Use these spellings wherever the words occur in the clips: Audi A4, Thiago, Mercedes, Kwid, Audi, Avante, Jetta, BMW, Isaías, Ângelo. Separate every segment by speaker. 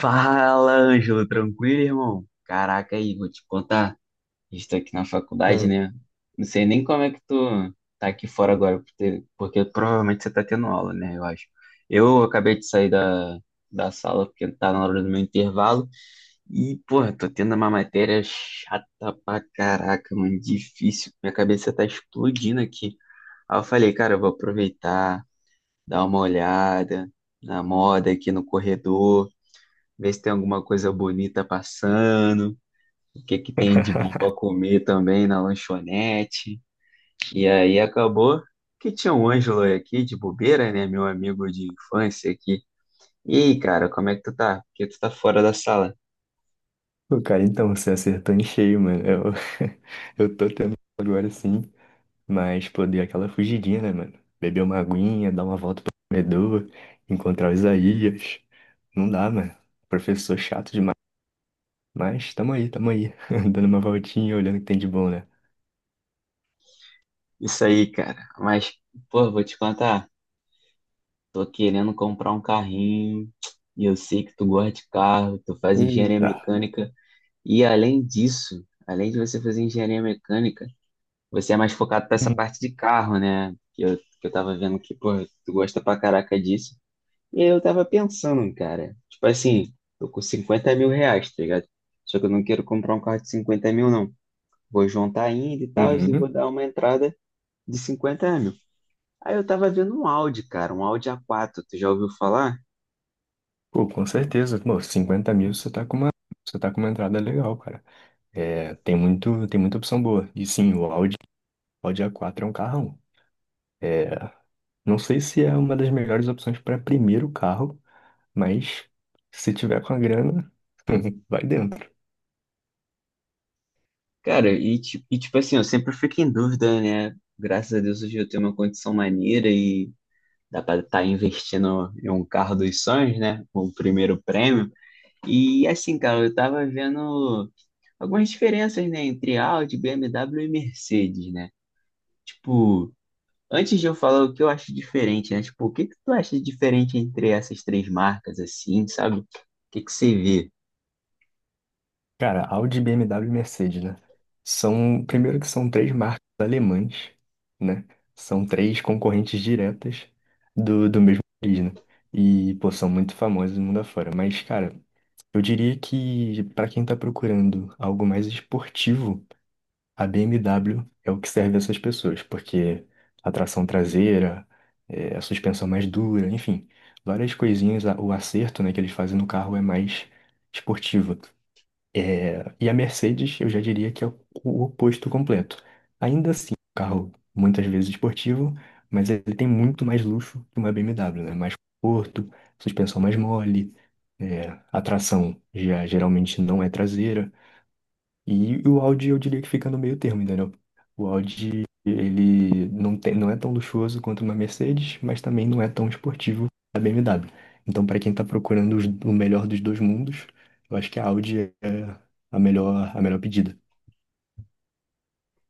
Speaker 1: Fala, Ângelo, tranquilo, irmão? Caraca, aí, vou te contar. Estou aqui na faculdade,
Speaker 2: É.
Speaker 1: né? Não sei nem como é que tu tá aqui fora agora, porque provavelmente você tá tendo aula, né? Eu acho. Eu acabei de sair da sala porque tá na hora do meu intervalo e, porra, tô tendo uma matéria chata pra caraca, mano, difícil. Minha cabeça tá explodindo aqui. Aí eu falei, cara, eu vou aproveitar, dar uma olhada na moda aqui no corredor, ver se tem alguma coisa bonita passando, o que que tem de bom para comer também na lanchonete. E aí acabou que tinha um Ângelo aqui de bobeira, né, meu amigo de infância aqui. E aí, cara, como é que tu tá? Porque tu tá fora da sala?
Speaker 2: Pô, cara, então, você acertou em cheio, mano. Eu tô tendo agora sim, mas pô, dei aquela fugidinha, né, mano? Beber uma aguinha, dar uma volta pro corredor, encontrar o Isaías. Não dá, mano. Professor chato demais. Mas tamo aí, tamo aí. Dando uma voltinha, olhando o que tem de bom, né?
Speaker 1: Isso aí, cara. Mas, pô, vou te contar, tô querendo comprar um carrinho. E eu sei que tu gosta de carro, tu faz engenharia
Speaker 2: Eita.
Speaker 1: mecânica. E além disso, além de você fazer engenharia mecânica, você é mais focado para essa
Speaker 2: Hum.
Speaker 1: parte de carro, né? Que eu tava vendo que, pô, tu gosta pra caraca disso. E aí eu tava pensando, cara, tipo assim, tô com R$ 50.000, tá ligado? Só que eu não quero comprar um carro de 50.000, não. Vou juntar ainda e tal, e vou
Speaker 2: Uhum.
Speaker 1: dar uma entrada de 50.000. Aí eu tava vendo um Audi, cara, um Audi A4, tu já ouviu falar?
Speaker 2: Pô, com certeza. Pô, 50 mil você tá com uma entrada legal, cara. É, tem muita opção boa. E sim, o Audi a quatro é um carrão. É, não sei se é uma das melhores opções para primeiro carro, mas se tiver com a grana, vai dentro.
Speaker 1: Cara, e tipo assim, eu sempre fico em dúvida, né? Graças a Deus hoje eu tenho uma condição maneira e dá para estar investindo em um carro dos sonhos, né? O primeiro prêmio. E assim, cara, eu tava vendo algumas diferenças, né, entre Audi, BMW e Mercedes, né? Tipo, antes de eu falar o que eu acho diferente, né? Tipo, o que que tu acha diferente entre essas três marcas, assim, sabe? O que que você vê?
Speaker 2: Cara, Audi, BMW e Mercedes, né? Primeiro que são três marcas alemãs, né? São três concorrentes diretas do mesmo país, né? E, pô, são muito famosas no mundo afora. Mas, cara, eu diria que para quem tá procurando algo mais esportivo, a BMW é o que serve a essas pessoas, porque a tração traseira, é, a suspensão mais dura, enfim, várias coisinhas, o acerto, né, que eles fazem no carro é mais esportivo. E a Mercedes, eu já diria que é o oposto completo. Ainda assim, é um carro muitas vezes esportivo, mas ele tem muito mais luxo que uma BMW, né? Mais conforto, suspensão mais mole, é, a tração já geralmente não é traseira. E o Audi eu diria que fica no meio termo, entendeu? O Audi, ele não tem, não é tão luxuoso quanto uma Mercedes, mas também não é tão esportivo a BMW. Então, para quem está procurando o melhor dos dois mundos, eu acho que a Audi é a melhor pedida.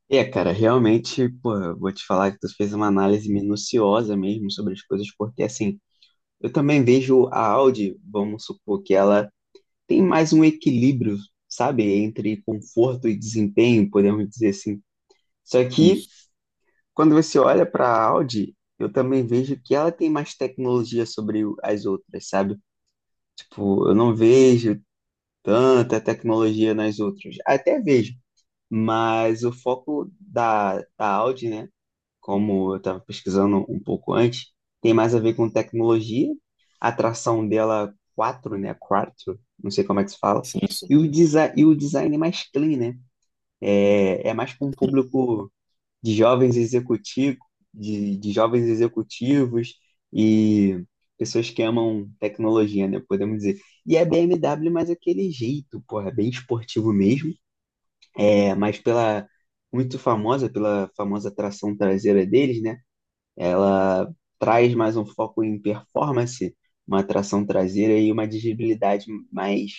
Speaker 1: É, cara, realmente, pô, eu vou te falar que tu fez uma análise minuciosa mesmo sobre as coisas, porque assim, eu também vejo a Audi, vamos supor que ela tem mais um equilíbrio, sabe, entre conforto e desempenho, podemos dizer assim. Só que
Speaker 2: Isso.
Speaker 1: quando você olha para a Audi, eu também vejo que ela tem mais tecnologia sobre as outras, sabe? Tipo, eu não vejo tanta tecnologia nas outras. Até vejo, mas o foco da Audi, né? Como eu estava pesquisando um pouco antes, tem mais a ver com tecnologia, a tração dela quatro, né? Quatro, não sei como é que se fala,
Speaker 2: Sim, sim.
Speaker 1: e o, desi e o design é mais clean, né? É, é mais para um público de jovens executivos, de jovens executivos e pessoas que amam tecnologia, né? Podemos dizer. E é BMW, mas aquele jeito, porra, bem esportivo mesmo, é, mas pela muito famosa pela famosa tração traseira deles, né? Ela traz mais um foco em performance, uma tração traseira e uma dirigibilidade mais.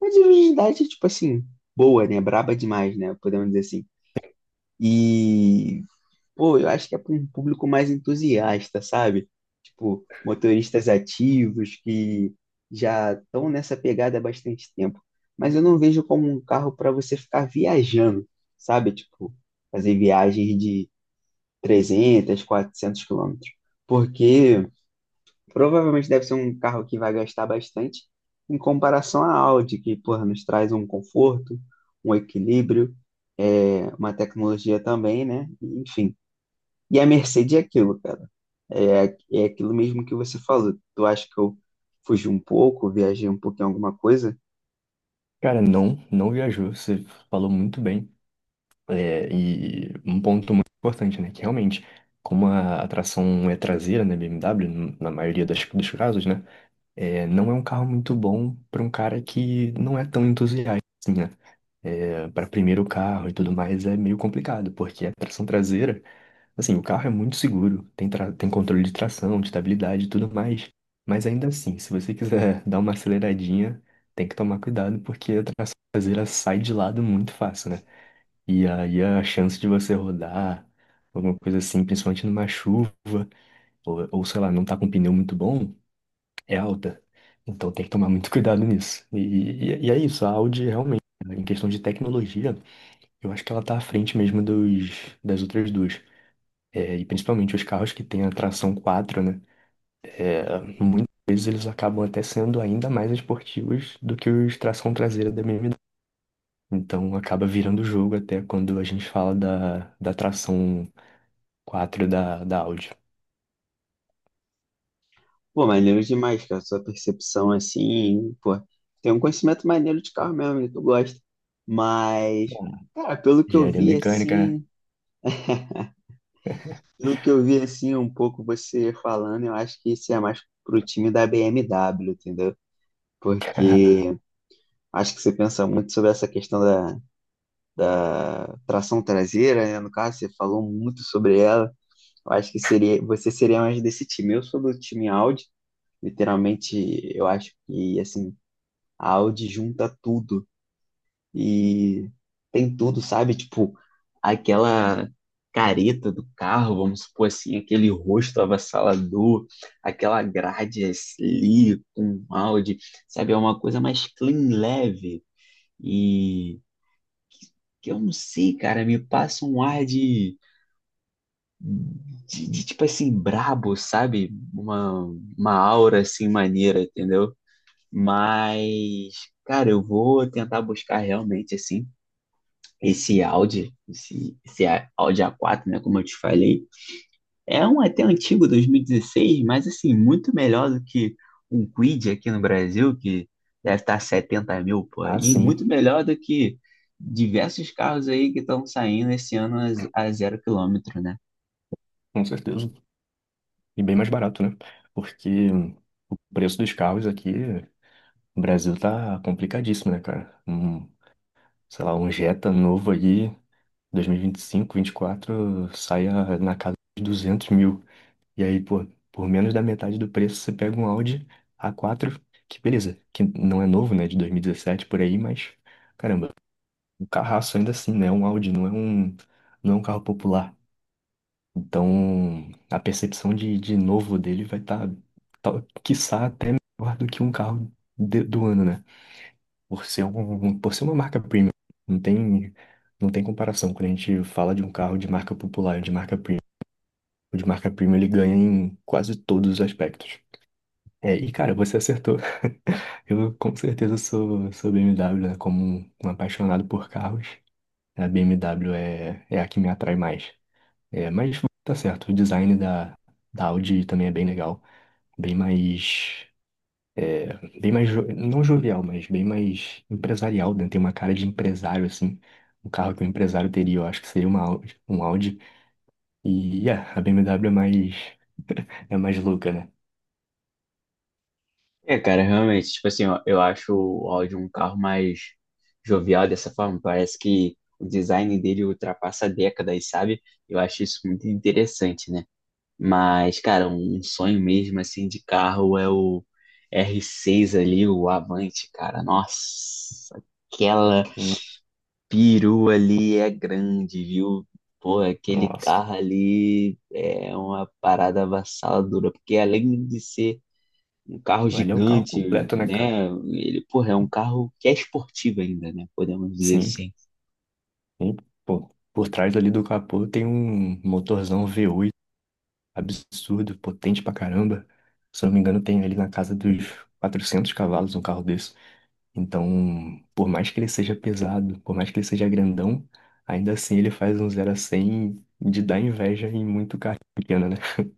Speaker 1: Uma dirigibilidade, tipo assim, boa, né? Braba demais, né? Podemos dizer assim. E, pô, eu acho que é para um público mais entusiasta, sabe? Tipo, motoristas ativos que já estão nessa pegada há bastante tempo. Mas eu não vejo como um carro para você ficar viajando, sabe? Tipo, fazer viagens de 300, 400 km. Porque provavelmente deve ser um carro que vai gastar bastante em comparação à Audi, que, porra, nos traz um conforto, um equilíbrio, é, uma tecnologia também, né? Enfim. E a Mercedes é aquilo, cara. É, é aquilo mesmo que você falou. Tu acha que eu fugi um pouco, viajei um pouquinho em alguma coisa?
Speaker 2: Cara, não, não viajou, você falou muito bem. É, e um ponto muito importante, né? Que realmente, como a atração é traseira na BMW, na maioria dos casos, né? É, não é um carro muito bom para um cara que não é tão entusiasta, assim, né? É, para primeiro carro e tudo mais é meio complicado, porque a tração traseira, assim, o carro é muito seguro, tem controle de tração, de estabilidade e tudo mais. Mas ainda assim, se você quiser dar uma aceleradinha, tem que tomar cuidado, porque a tração traseira sai de lado muito fácil, né? E aí a chance de você rodar, alguma coisa assim, principalmente numa chuva, ou sei lá, não tá com pneu muito bom é alta. Então tem que tomar muito cuidado nisso. E é isso, a Audi realmente, né, em questão de tecnologia, eu acho que ela tá à frente mesmo das outras duas. É, e principalmente os carros que têm a tração 4, né? É, muitas vezes eles acabam até sendo ainda mais esportivos do que os tração traseira da BMW. Então acaba virando o jogo até quando a gente fala da tração 4 da Audi.
Speaker 1: Pô, maneiro demais, cara. Sua percepção assim, pô. Tem um conhecimento maneiro de carro mesmo, né? Tu gosta. Mas,
Speaker 2: Bom,
Speaker 1: cara, pelo que eu
Speaker 2: engenharia
Speaker 1: vi
Speaker 2: mecânica, né?
Speaker 1: assim, pelo que eu vi assim um pouco você falando, eu acho que isso é mais pro time da BMW, entendeu? Porque acho que você pensa muito sobre essa questão da tração traseira, né? No caso, você falou muito sobre ela. Eu acho que seria, você seria mais desse time. Eu sou do time Audi, literalmente, eu acho que assim, a Audi junta tudo e tem tudo, sabe? Tipo, aquela careta do carro, vamos supor assim, aquele rosto avassalador, aquela grade ali com áudio, sabe? É uma coisa mais clean, leve, e que eu não sei, cara, me passa um ar de tipo assim, brabo, sabe? Uma aura assim maneira, entendeu? Mas, cara, eu vou tentar buscar realmente assim esse Audi, esse Audi A4, né, como eu te falei, é um até antigo 2016, mas assim, muito melhor do que um Kwid aqui no Brasil, que deve estar 70 mil por
Speaker 2: Ah,
Speaker 1: aí,
Speaker 2: sim,
Speaker 1: muito melhor do que diversos carros aí que estão saindo esse ano a, a zero quilômetro, né?
Speaker 2: com certeza. E bem mais barato, né? Porque o preço dos carros aqui no Brasil tá complicadíssimo, né, cara? Um, sei lá, um Jetta novo aí, 2025, 24, sai na casa de 200 mil. E aí, pô, por menos da metade do preço, você pega um Audi A4, que beleza, que não é novo, né, de 2017 por aí, mas caramba, um carraço ainda assim, né? Um Audi não é um carro popular. Então, a percepção de novo dele vai estar, tá, tá, quiçá, até melhor do que um carro do ano, né? Por ser uma marca premium. Não tem, não tem comparação. Quando a gente fala de um carro de marca popular ou de marca premium, o de marca premium ele ganha em quase todos os aspectos. É, e cara, você acertou. Eu com certeza sou BMW, né? Como um apaixonado por carros, a BMW é a que me atrai mais. É, mas tá certo. O design da Audi também é bem legal. Bem mais. É, bem mais. Não jovial, mas bem mais empresarial, né? Tem uma cara de empresário, assim. Um carro que um empresário teria, eu acho que seria uma Audi, um Audi. E yeah, a BMW é mais. É mais louca, né?
Speaker 1: É, cara, realmente, tipo assim, ó, eu acho o Audi um carro mais jovial dessa forma, parece que o design dele ultrapassa décadas, sabe? Eu acho isso muito interessante, né? Mas, cara, um sonho mesmo assim de carro é o R6 ali, o Avante, cara. Nossa, aquela
Speaker 2: Hum,
Speaker 1: perua ali é grande, viu? Pô, aquele
Speaker 2: nossa.
Speaker 1: carro ali é uma parada avassaladora, porque além de ser um carro
Speaker 2: Ali é um carro
Speaker 1: gigante,
Speaker 2: completo, né, cara?
Speaker 1: né? Ele, porra, é um carro que é esportivo ainda, né? Podemos dizer
Speaker 2: Sim.
Speaker 1: assim.
Speaker 2: E, pô, por trás ali do capô tem um motorzão V8 absurdo, potente pra caramba. Se eu não me engano, tem ali na casa dos 400 cavalos um carro desse. Então, por mais que ele seja pesado, por mais que ele seja grandão, ainda assim ele faz um 0 a 100 de dar inveja em muito carro pequeno, né?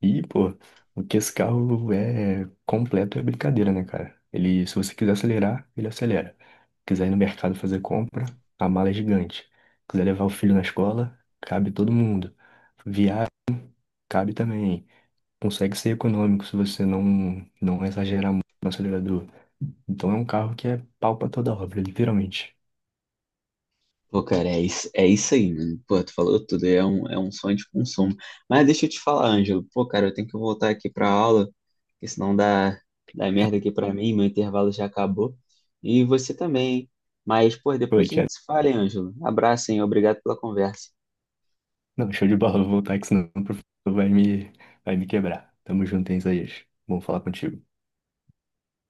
Speaker 2: E, pô, o que esse carro é completo é brincadeira, né, cara? Ele, se você quiser acelerar, ele acelera. Quiser ir no mercado fazer compra, a mala é gigante. Quiser levar o filho na escola, cabe todo mundo. Viagem cabe também. Consegue ser econômico se você não exagerar muito no acelerador. Então é um carro que é pau pra toda obra, literalmente.
Speaker 1: Pô, cara, é isso aí, mano. Pô, tu falou tudo, é um sonho de consumo. Mas deixa eu te falar, Ângelo. Pô, cara, eu tenho que voltar aqui pra aula, porque senão dá, dá merda aqui pra mim, meu intervalo já acabou. E você também, hein? Mas, pô,
Speaker 2: Pô,
Speaker 1: depois a
Speaker 2: Thiago,
Speaker 1: gente se fala, hein, Ângelo. Abraço, hein? Obrigado pela conversa.
Speaker 2: não, show de bola, vou voltar que senão o professor vai me quebrar. Tamo junto, hein, Isaías? Bom falar contigo.